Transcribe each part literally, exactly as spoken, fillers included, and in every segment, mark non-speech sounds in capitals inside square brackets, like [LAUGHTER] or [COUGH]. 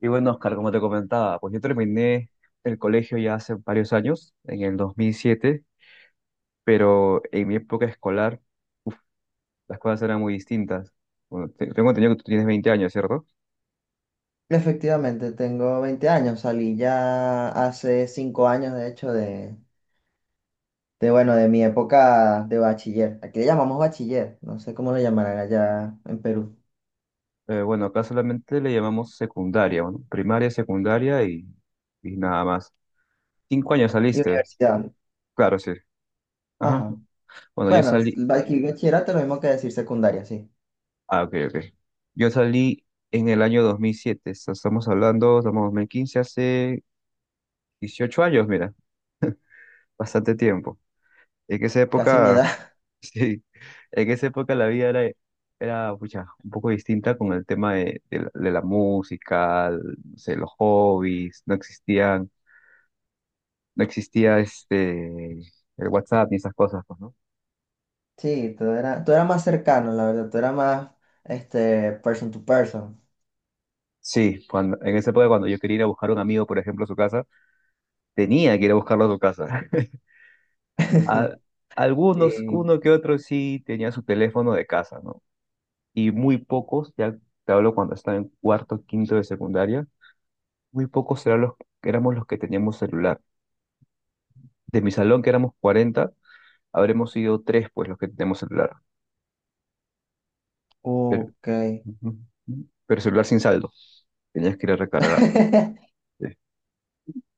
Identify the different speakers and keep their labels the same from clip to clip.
Speaker 1: Y bueno, Oscar, como te comentaba, pues yo terminé el colegio ya hace varios años, en el dos mil siete, pero en mi época escolar, uf, las cosas eran muy distintas. Bueno, te- tengo entendido que tú tienes veinte años, ¿cierto?
Speaker 2: Efectivamente, tengo veinte años, salí ya hace cinco años, de hecho, de, de, bueno, de mi época de bachiller. Aquí le llamamos bachiller, no sé cómo lo llamarán allá en Perú.
Speaker 1: Eh, bueno, acá solamente le llamamos secundaria, bueno, primaria, secundaria y, y nada más. Cinco años
Speaker 2: Y
Speaker 1: saliste,
Speaker 2: universidad.
Speaker 1: claro, sí. Ajá.
Speaker 2: Ajá.
Speaker 1: Bueno, yo
Speaker 2: Bueno, es-
Speaker 1: salí,
Speaker 2: aquí bachillerato es lo mismo que decir secundaria, sí.
Speaker 1: ah, ok, ok. Yo salí en el año dos mil siete, estamos hablando, estamos en dos mil quince, hace dieciocho años, mira, bastante tiempo. En esa
Speaker 2: Casi mi
Speaker 1: época,
Speaker 2: edad. [LAUGHS]
Speaker 1: [LAUGHS] sí, en esa época la vida era, era pucha, un poco distinta con el tema de, de la de la música, el- no sé, los hobbies, no existían, no existía este, el WhatsApp ni esas cosas, pues, ¿no?
Speaker 2: Sí, tú eras, tú eras más cercano, la verdad, tú eras más, este, person to person.
Speaker 1: Sí, cuando, en esa época cuando yo quería ir a buscar a un amigo, por ejemplo, a su casa, tenía que ir a buscarlo a su casa. [LAUGHS] A-
Speaker 2: [LAUGHS]
Speaker 1: algunos,
Speaker 2: Sí.
Speaker 1: uno que otro sí tenía su teléfono de casa, ¿no? Y muy pocos, ya te hablo cuando estaba en cuarto, quinto de secundaria. Muy pocos serán los que éramos los que teníamos celular. De mi salón, que éramos cuarenta, habremos sido tres, pues, los que teníamos celular. Pero,
Speaker 2: Ok.
Speaker 1: ujú, ujú. Pero celular sin saldo. Tenías que ir a recargar, pues.
Speaker 2: [LAUGHS]
Speaker 1: Sí.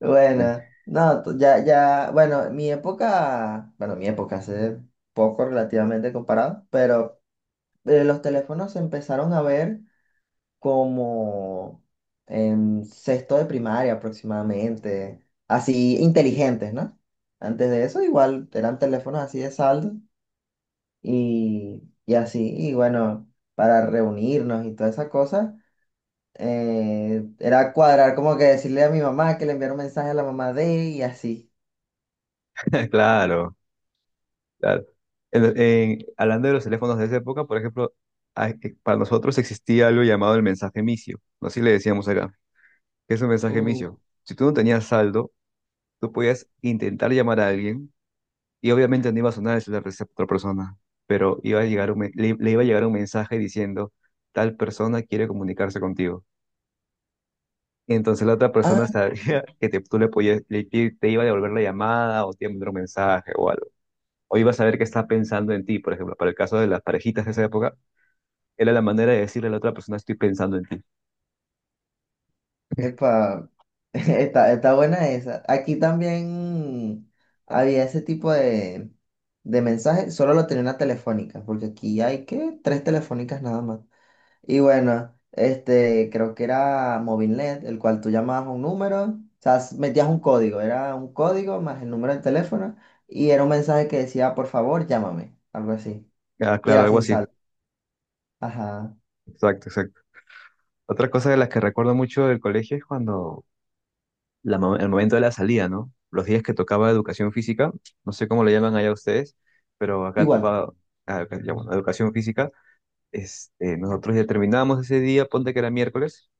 Speaker 2: Bueno,
Speaker 1: [LAUGHS]
Speaker 2: no, to- ya, ya, bueno, mi época, bueno, mi época hace poco relativamente comparado, pero eh, los teléfonos se empezaron a ver como en sexto de primaria aproximadamente, así inteligentes, ¿no? Antes de eso igual eran teléfonos así de saldo y, y así, y bueno, para reunirnos y todas esas cosas eh, era cuadrar como que decirle a mi mamá que le enviara un mensaje a la mamá de y así.
Speaker 1: Claro, claro. En- en- hablando de los teléfonos de esa época, por ejemplo, hay- eh, para nosotros existía algo llamado el mensaje micio. Así le decíamos acá. ¿Qué es un mensaje
Speaker 2: Uh,
Speaker 1: micio? Si tú no tenías saldo, tú podías intentar llamar a alguien. Y obviamente no iba a sonar el celular de esa otra persona, pero iba a llegar un me- le, le iba a llegar un mensaje diciendo, tal persona quiere comunicarse contigo. Y entonces la otra persona
Speaker 2: ah,
Speaker 1: sabría [LAUGHS] que te, tú le podías, le- te te iba a devolver la llamada o te iba a mandar un mensaje o algo. O iba a saber que está pensando en ti, por ejemplo, para el caso de las parejitas de esa época, era la manera de decirle a la otra persona, estoy pensando en ti.
Speaker 2: Epa, [LAUGHS] está, está buena esa. Aquí también había ese tipo de, de mensajes, solo lo tenía una telefónica, porque aquí hay que tres telefónicas nada más. Y bueno, este, creo que era Movilnet, el cual tú llamabas a un número, o sea, s- metías un código, era un código más el número del teléfono, y era un mensaje que decía, por favor, llámame, algo así.
Speaker 1: Ah,
Speaker 2: Y
Speaker 1: claro,
Speaker 2: era
Speaker 1: algo
Speaker 2: sin
Speaker 1: así.
Speaker 2: saldo. Ajá,
Speaker 1: Exacto, exacto. Otra cosa de las que recuerdo mucho del colegio es cuando la mo- el momento de la salida, ¿no? Los días que tocaba educación física, no sé cómo le llaman allá ustedes, pero acá
Speaker 2: igual.
Speaker 1: tocaba. Ah, acá ya, bueno, educación física. Este, nosotros ya terminábamos ese día, ponte que era miércoles,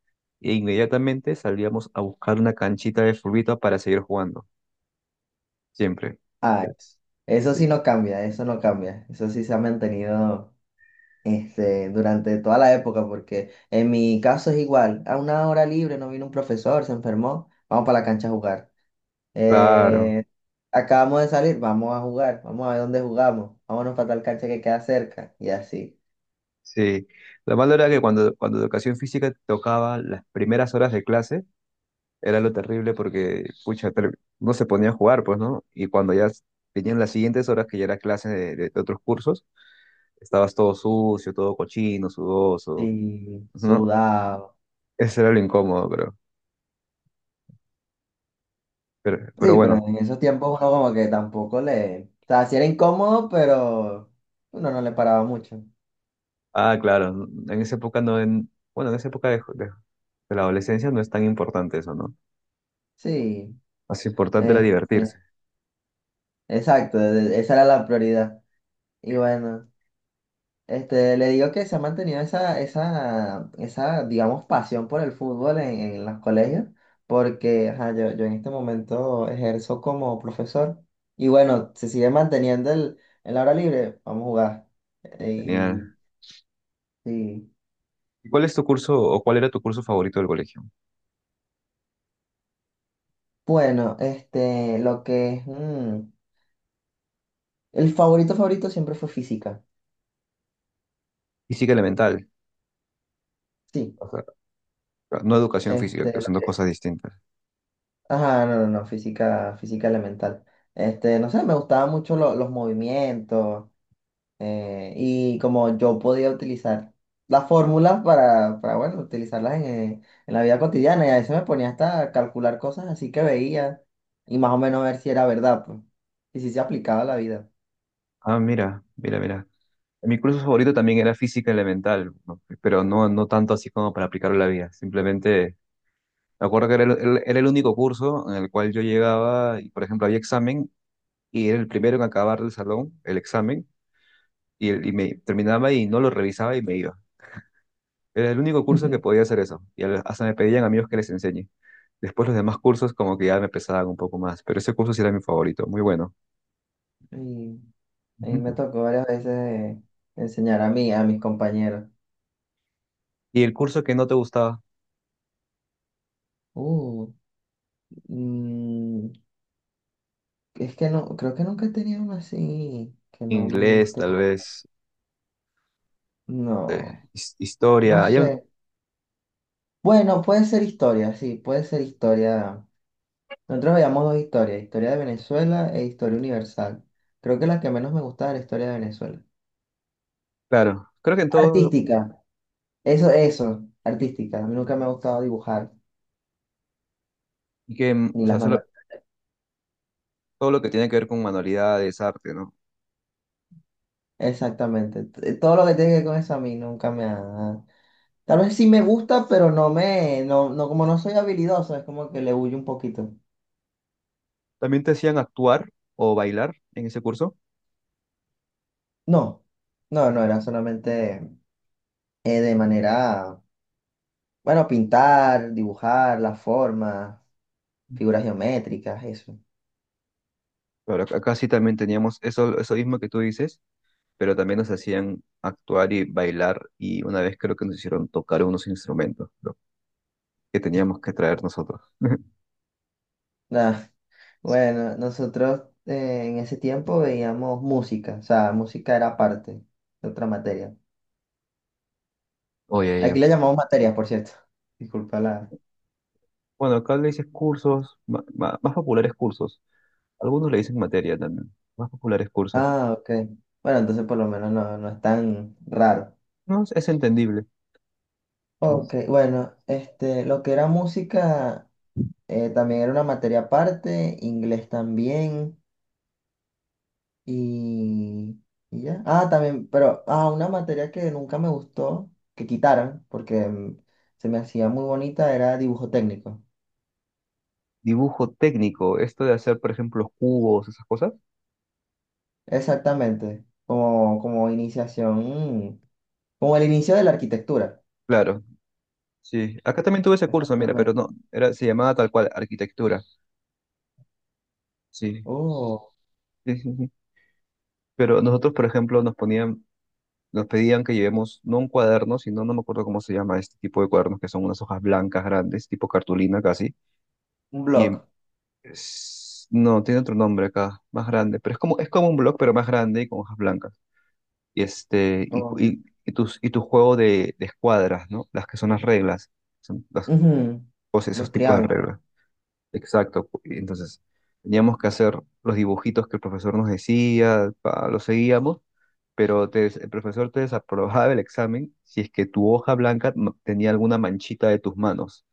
Speaker 1: e inmediatamente salíamos a buscar una canchita de furbita para seguir jugando, siempre.
Speaker 2: Ah,
Speaker 1: Sí,
Speaker 2: eso, eso
Speaker 1: sí.
Speaker 2: sí no cambia, eso no cambia. Eso sí se ha mantenido este, durante toda la época, porque en mi caso es igual. A una hora libre no vino un profesor, se enfermó, vamos para la cancha a jugar.
Speaker 1: Claro,
Speaker 2: Eh, acabamos de salir, vamos a jugar, vamos a ver dónde jugamos, vámonos para tal cancha que queda cerca, y así.
Speaker 1: sí. Lo malo era que cuando, cuando educación física tocaba las primeras horas de clase, era lo terrible porque, pucha, ter- no se ponía a jugar, pues, ¿no? Y cuando ya s- venían las siguientes horas que ya era clase de, de- de otros cursos, estabas todo sucio, todo cochino, sudoso,
Speaker 2: Y
Speaker 1: ¿no?
Speaker 2: sudado.
Speaker 1: Eso era lo incómodo, pero, pero, pero
Speaker 2: Sí, pero
Speaker 1: bueno.
Speaker 2: en esos tiempos uno como que tampoco le... O sea, sí era incómodo, pero uno no le paraba mucho.
Speaker 1: Ah, claro, n- en esa época no, en, bueno, en esa época de, de- de la adolescencia no es tan importante eso, ¿no?
Speaker 2: Sí,
Speaker 1: Más importante era divertirse.
Speaker 2: este... exacto, e- esa era la prioridad. Y bueno, este, le digo que se ha mantenido esa, esa, esa, digamos, pasión por el fútbol en, en los colegios, porque ajá, yo, yo en este momento ejerzo como profesor. Y bueno, se sigue manteniendo el, el hora libre, vamos a jugar. Eh,
Speaker 1: Genial.
Speaker 2: Y, y,
Speaker 1: ¿Y cuál es tu curso o cuál era tu curso favorito del colegio?
Speaker 2: bueno, este, lo que es, mm, el favorito favorito siempre fue física.
Speaker 1: Física elemental,
Speaker 2: Sí,
Speaker 1: o sea, no educación física, que
Speaker 2: este,
Speaker 1: son dos cosas distintas.
Speaker 2: ajá, no, no, no, física, física elemental. Este, no sé, me gustaban mucho lo- los movimientos eh, y como yo podía utilizar las fórmulas para, para, bueno, utilizarlas en, eh, en la vida cotidiana y a veces me ponía hasta a calcular cosas así que veía y más o menos ver si era verdad, pues, y si se aplicaba a la vida.
Speaker 1: Ah, mira, mira, mira. Mi curso favorito también era física elemental, ¿no? Pero no, no tanto así como para aplicarlo a la vida. Simplemente me acuerdo que era el, el- era el único curso en el cual yo llegaba y, por ejemplo, había examen y era el primero en acabar el salón, el examen, y, y me terminaba y no lo revisaba y me iba. Era el único curso que podía
Speaker 2: [LAUGHS]
Speaker 1: hacer eso. Y al- hasta me pedían amigos que les enseñe. Después los demás cursos como que ya me pesaban un poco más, pero ese curso sí era mi favorito, muy bueno.
Speaker 2: Y, y me
Speaker 1: Ujú.
Speaker 2: tocó varias veces eh, enseñar a mí, a mis compañeros.
Speaker 1: ¿Y el curso que no te gustaba?
Speaker 2: Uh, mm, Es que no, creo que nunca he tenido una así que no me
Speaker 1: Inglés,
Speaker 2: guste
Speaker 1: tal
Speaker 2: mucho.
Speaker 1: vez, eh,
Speaker 2: No,
Speaker 1: his-
Speaker 2: no
Speaker 1: historia. Hay,
Speaker 2: sé. Bueno, puede ser historia, sí, puede ser historia. Nosotros veíamos dos historias, historia de Venezuela e historia universal. Creo que la que menos me gustaba era la historia de Venezuela.
Speaker 1: claro, creo que en todo,
Speaker 2: Artística, eso, eso, artística. A mí nunca me ha gustado dibujar,
Speaker 1: y que, mm, o
Speaker 2: ni las
Speaker 1: sea, solo,
Speaker 2: manuales.
Speaker 1: todo lo que tiene que ver con manualidades, arte, ¿no?
Speaker 2: Exactamente. t- Todo lo que tiene que ver con eso a mí nunca me ha... Tal vez sí me gusta, pero no me, no, no, como no soy habilidoso, es como que le huyo un poquito.
Speaker 1: También te hacían actuar o bailar en ese curso,
Speaker 2: No, no, no, era solamente eh, de manera, bueno, pintar, dibujar, las formas, figuras geométricas, eso.
Speaker 1: pero ac- acá sí también teníamos eso, eso mismo que tú dices, pero también nos hacían actuar y bailar, y una vez creo que nos hicieron tocar unos instrumentos, ¿no? Que teníamos que traer nosotros. [LAUGHS]
Speaker 2: Nah,
Speaker 1: Sí.
Speaker 2: bueno, nosotros eh, en ese tiempo veíamos música, o sea, música era parte de otra materia.
Speaker 1: Oye, ya.
Speaker 2: Aquí le llamamos materias, por cierto. Disculpa la...
Speaker 1: Bueno, acá le dices cursos, ma- ma- más populares cursos. Algunos le dicen materia también, más populares cursos.
Speaker 2: Ah, ok. Bueno, entonces por lo menos no, no es tan raro.
Speaker 1: No, es es entendible.
Speaker 2: Ok, bueno, este, lo que era música eh, también era una materia aparte, inglés también. Y, y ya. Ah, también, pero ah, una materia que nunca me gustó, que quitaran, porque mm, se me hacía muy bonita, era dibujo técnico.
Speaker 1: Dibujo técnico, esto de hacer, por ejemplo, los cubos, esas cosas.
Speaker 2: Exactamente, como, como iniciación, mm, como el inicio de la arquitectura.
Speaker 1: Claro, sí. Acá también tuve ese curso, mira, pero
Speaker 2: Exactamente.
Speaker 1: no, era, se llamaba tal cual arquitectura. Sí,
Speaker 2: Oh,
Speaker 1: sí, sí, sí. Pero nosotros, por ejemplo, nos ponían, nos pedían que llevemos no un cuaderno, sino no me acuerdo cómo se llama este tipo de cuadernos, que son unas hojas blancas grandes, tipo cartulina casi.
Speaker 2: un
Speaker 1: Y en-
Speaker 2: blog.
Speaker 1: es- no, tiene otro nombre acá, más grande, pero es como, es como un blog, pero más grande y con hojas blancas. Y este, y, cu-
Speaker 2: Oh,
Speaker 1: y, y tus, y tu juego de, de escuadras, ¿no? Las que son las reglas son- las,
Speaker 2: ujú,
Speaker 1: o sea, esos
Speaker 2: los
Speaker 1: tipos de
Speaker 2: triángulos.
Speaker 1: reglas. Exacto. Y entonces, teníamos que hacer los dibujitos que el profesor nos decía, pa, los seguíamos, pero te des- el profesor te desaprobaba el examen si es que tu hoja blanca no- tenía alguna manchita de tus manos,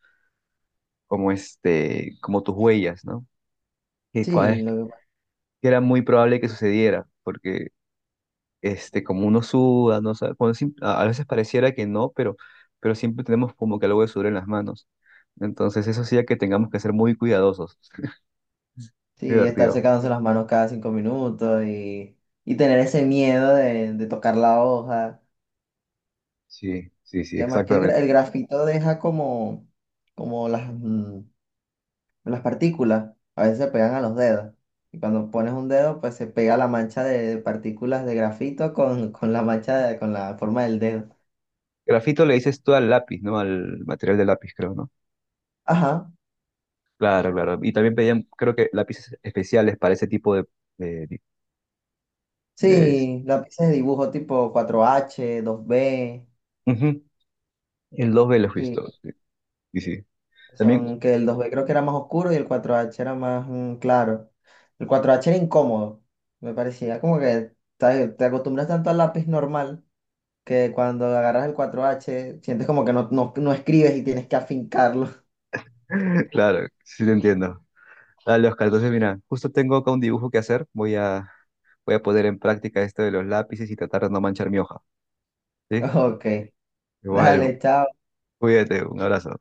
Speaker 1: como este, como tus huellas, ¿no? Que
Speaker 2: Sí,
Speaker 1: cua-
Speaker 2: lo que-
Speaker 1: que era muy probable que sucediera, porque este, como uno suda, no sabe, cuando sim- a a veces pareciera que no, pero, pero siempre tenemos como que algo de sudor en las manos. Entonces, eso hacía que tengamos que ser muy cuidadosos.
Speaker 2: sí, estar
Speaker 1: Divertido.
Speaker 2: secándose las manos cada cinco minutos y, y tener ese miedo de, de tocar la hoja.
Speaker 1: Sí, sí, sí,
Speaker 2: Y además que el, gra-
Speaker 1: exactamente.
Speaker 2: el grafito deja como, como las, mm, las partículas, a veces se pegan a los dedos. Y cuando pones un dedo, pues se pega la mancha de partículas de grafito con, con la mancha, de- con la forma del dedo.
Speaker 1: Grafito le dices tú al lápiz, ¿no? Al material de lápiz, creo, ¿no?
Speaker 2: Ajá,
Speaker 1: Claro, claro. Y también pedían, creo que lápices especiales para ese tipo de... de, de-
Speaker 2: sí, lápices de dibujo tipo cuatro h dos b.
Speaker 1: ujú. En los velos,
Speaker 2: Sí,
Speaker 1: ¿visto? Sí, sí, sí. También,
Speaker 2: son que el dos b creo que era más oscuro y el cuatro h era más mm, claro. El cuatro h era incómodo, me parecía como que ¿sabes? Te acostumbras tanto al lápiz normal que cuando agarras el cuatro h sientes como que no, no, no escribes y tienes que afincarlo. [LAUGHS]
Speaker 1: [LAUGHS] claro, sí te entiendo. Dale, Oscar, entonces mira, justo tengo acá un dibujo que hacer. Voy a, voy a poner en práctica esto de los lápices y tratar de no manchar mi hoja, ¿sí?
Speaker 2: Ok,
Speaker 1: Igual,
Speaker 2: dale, chao.
Speaker 1: cuídate, un abrazo.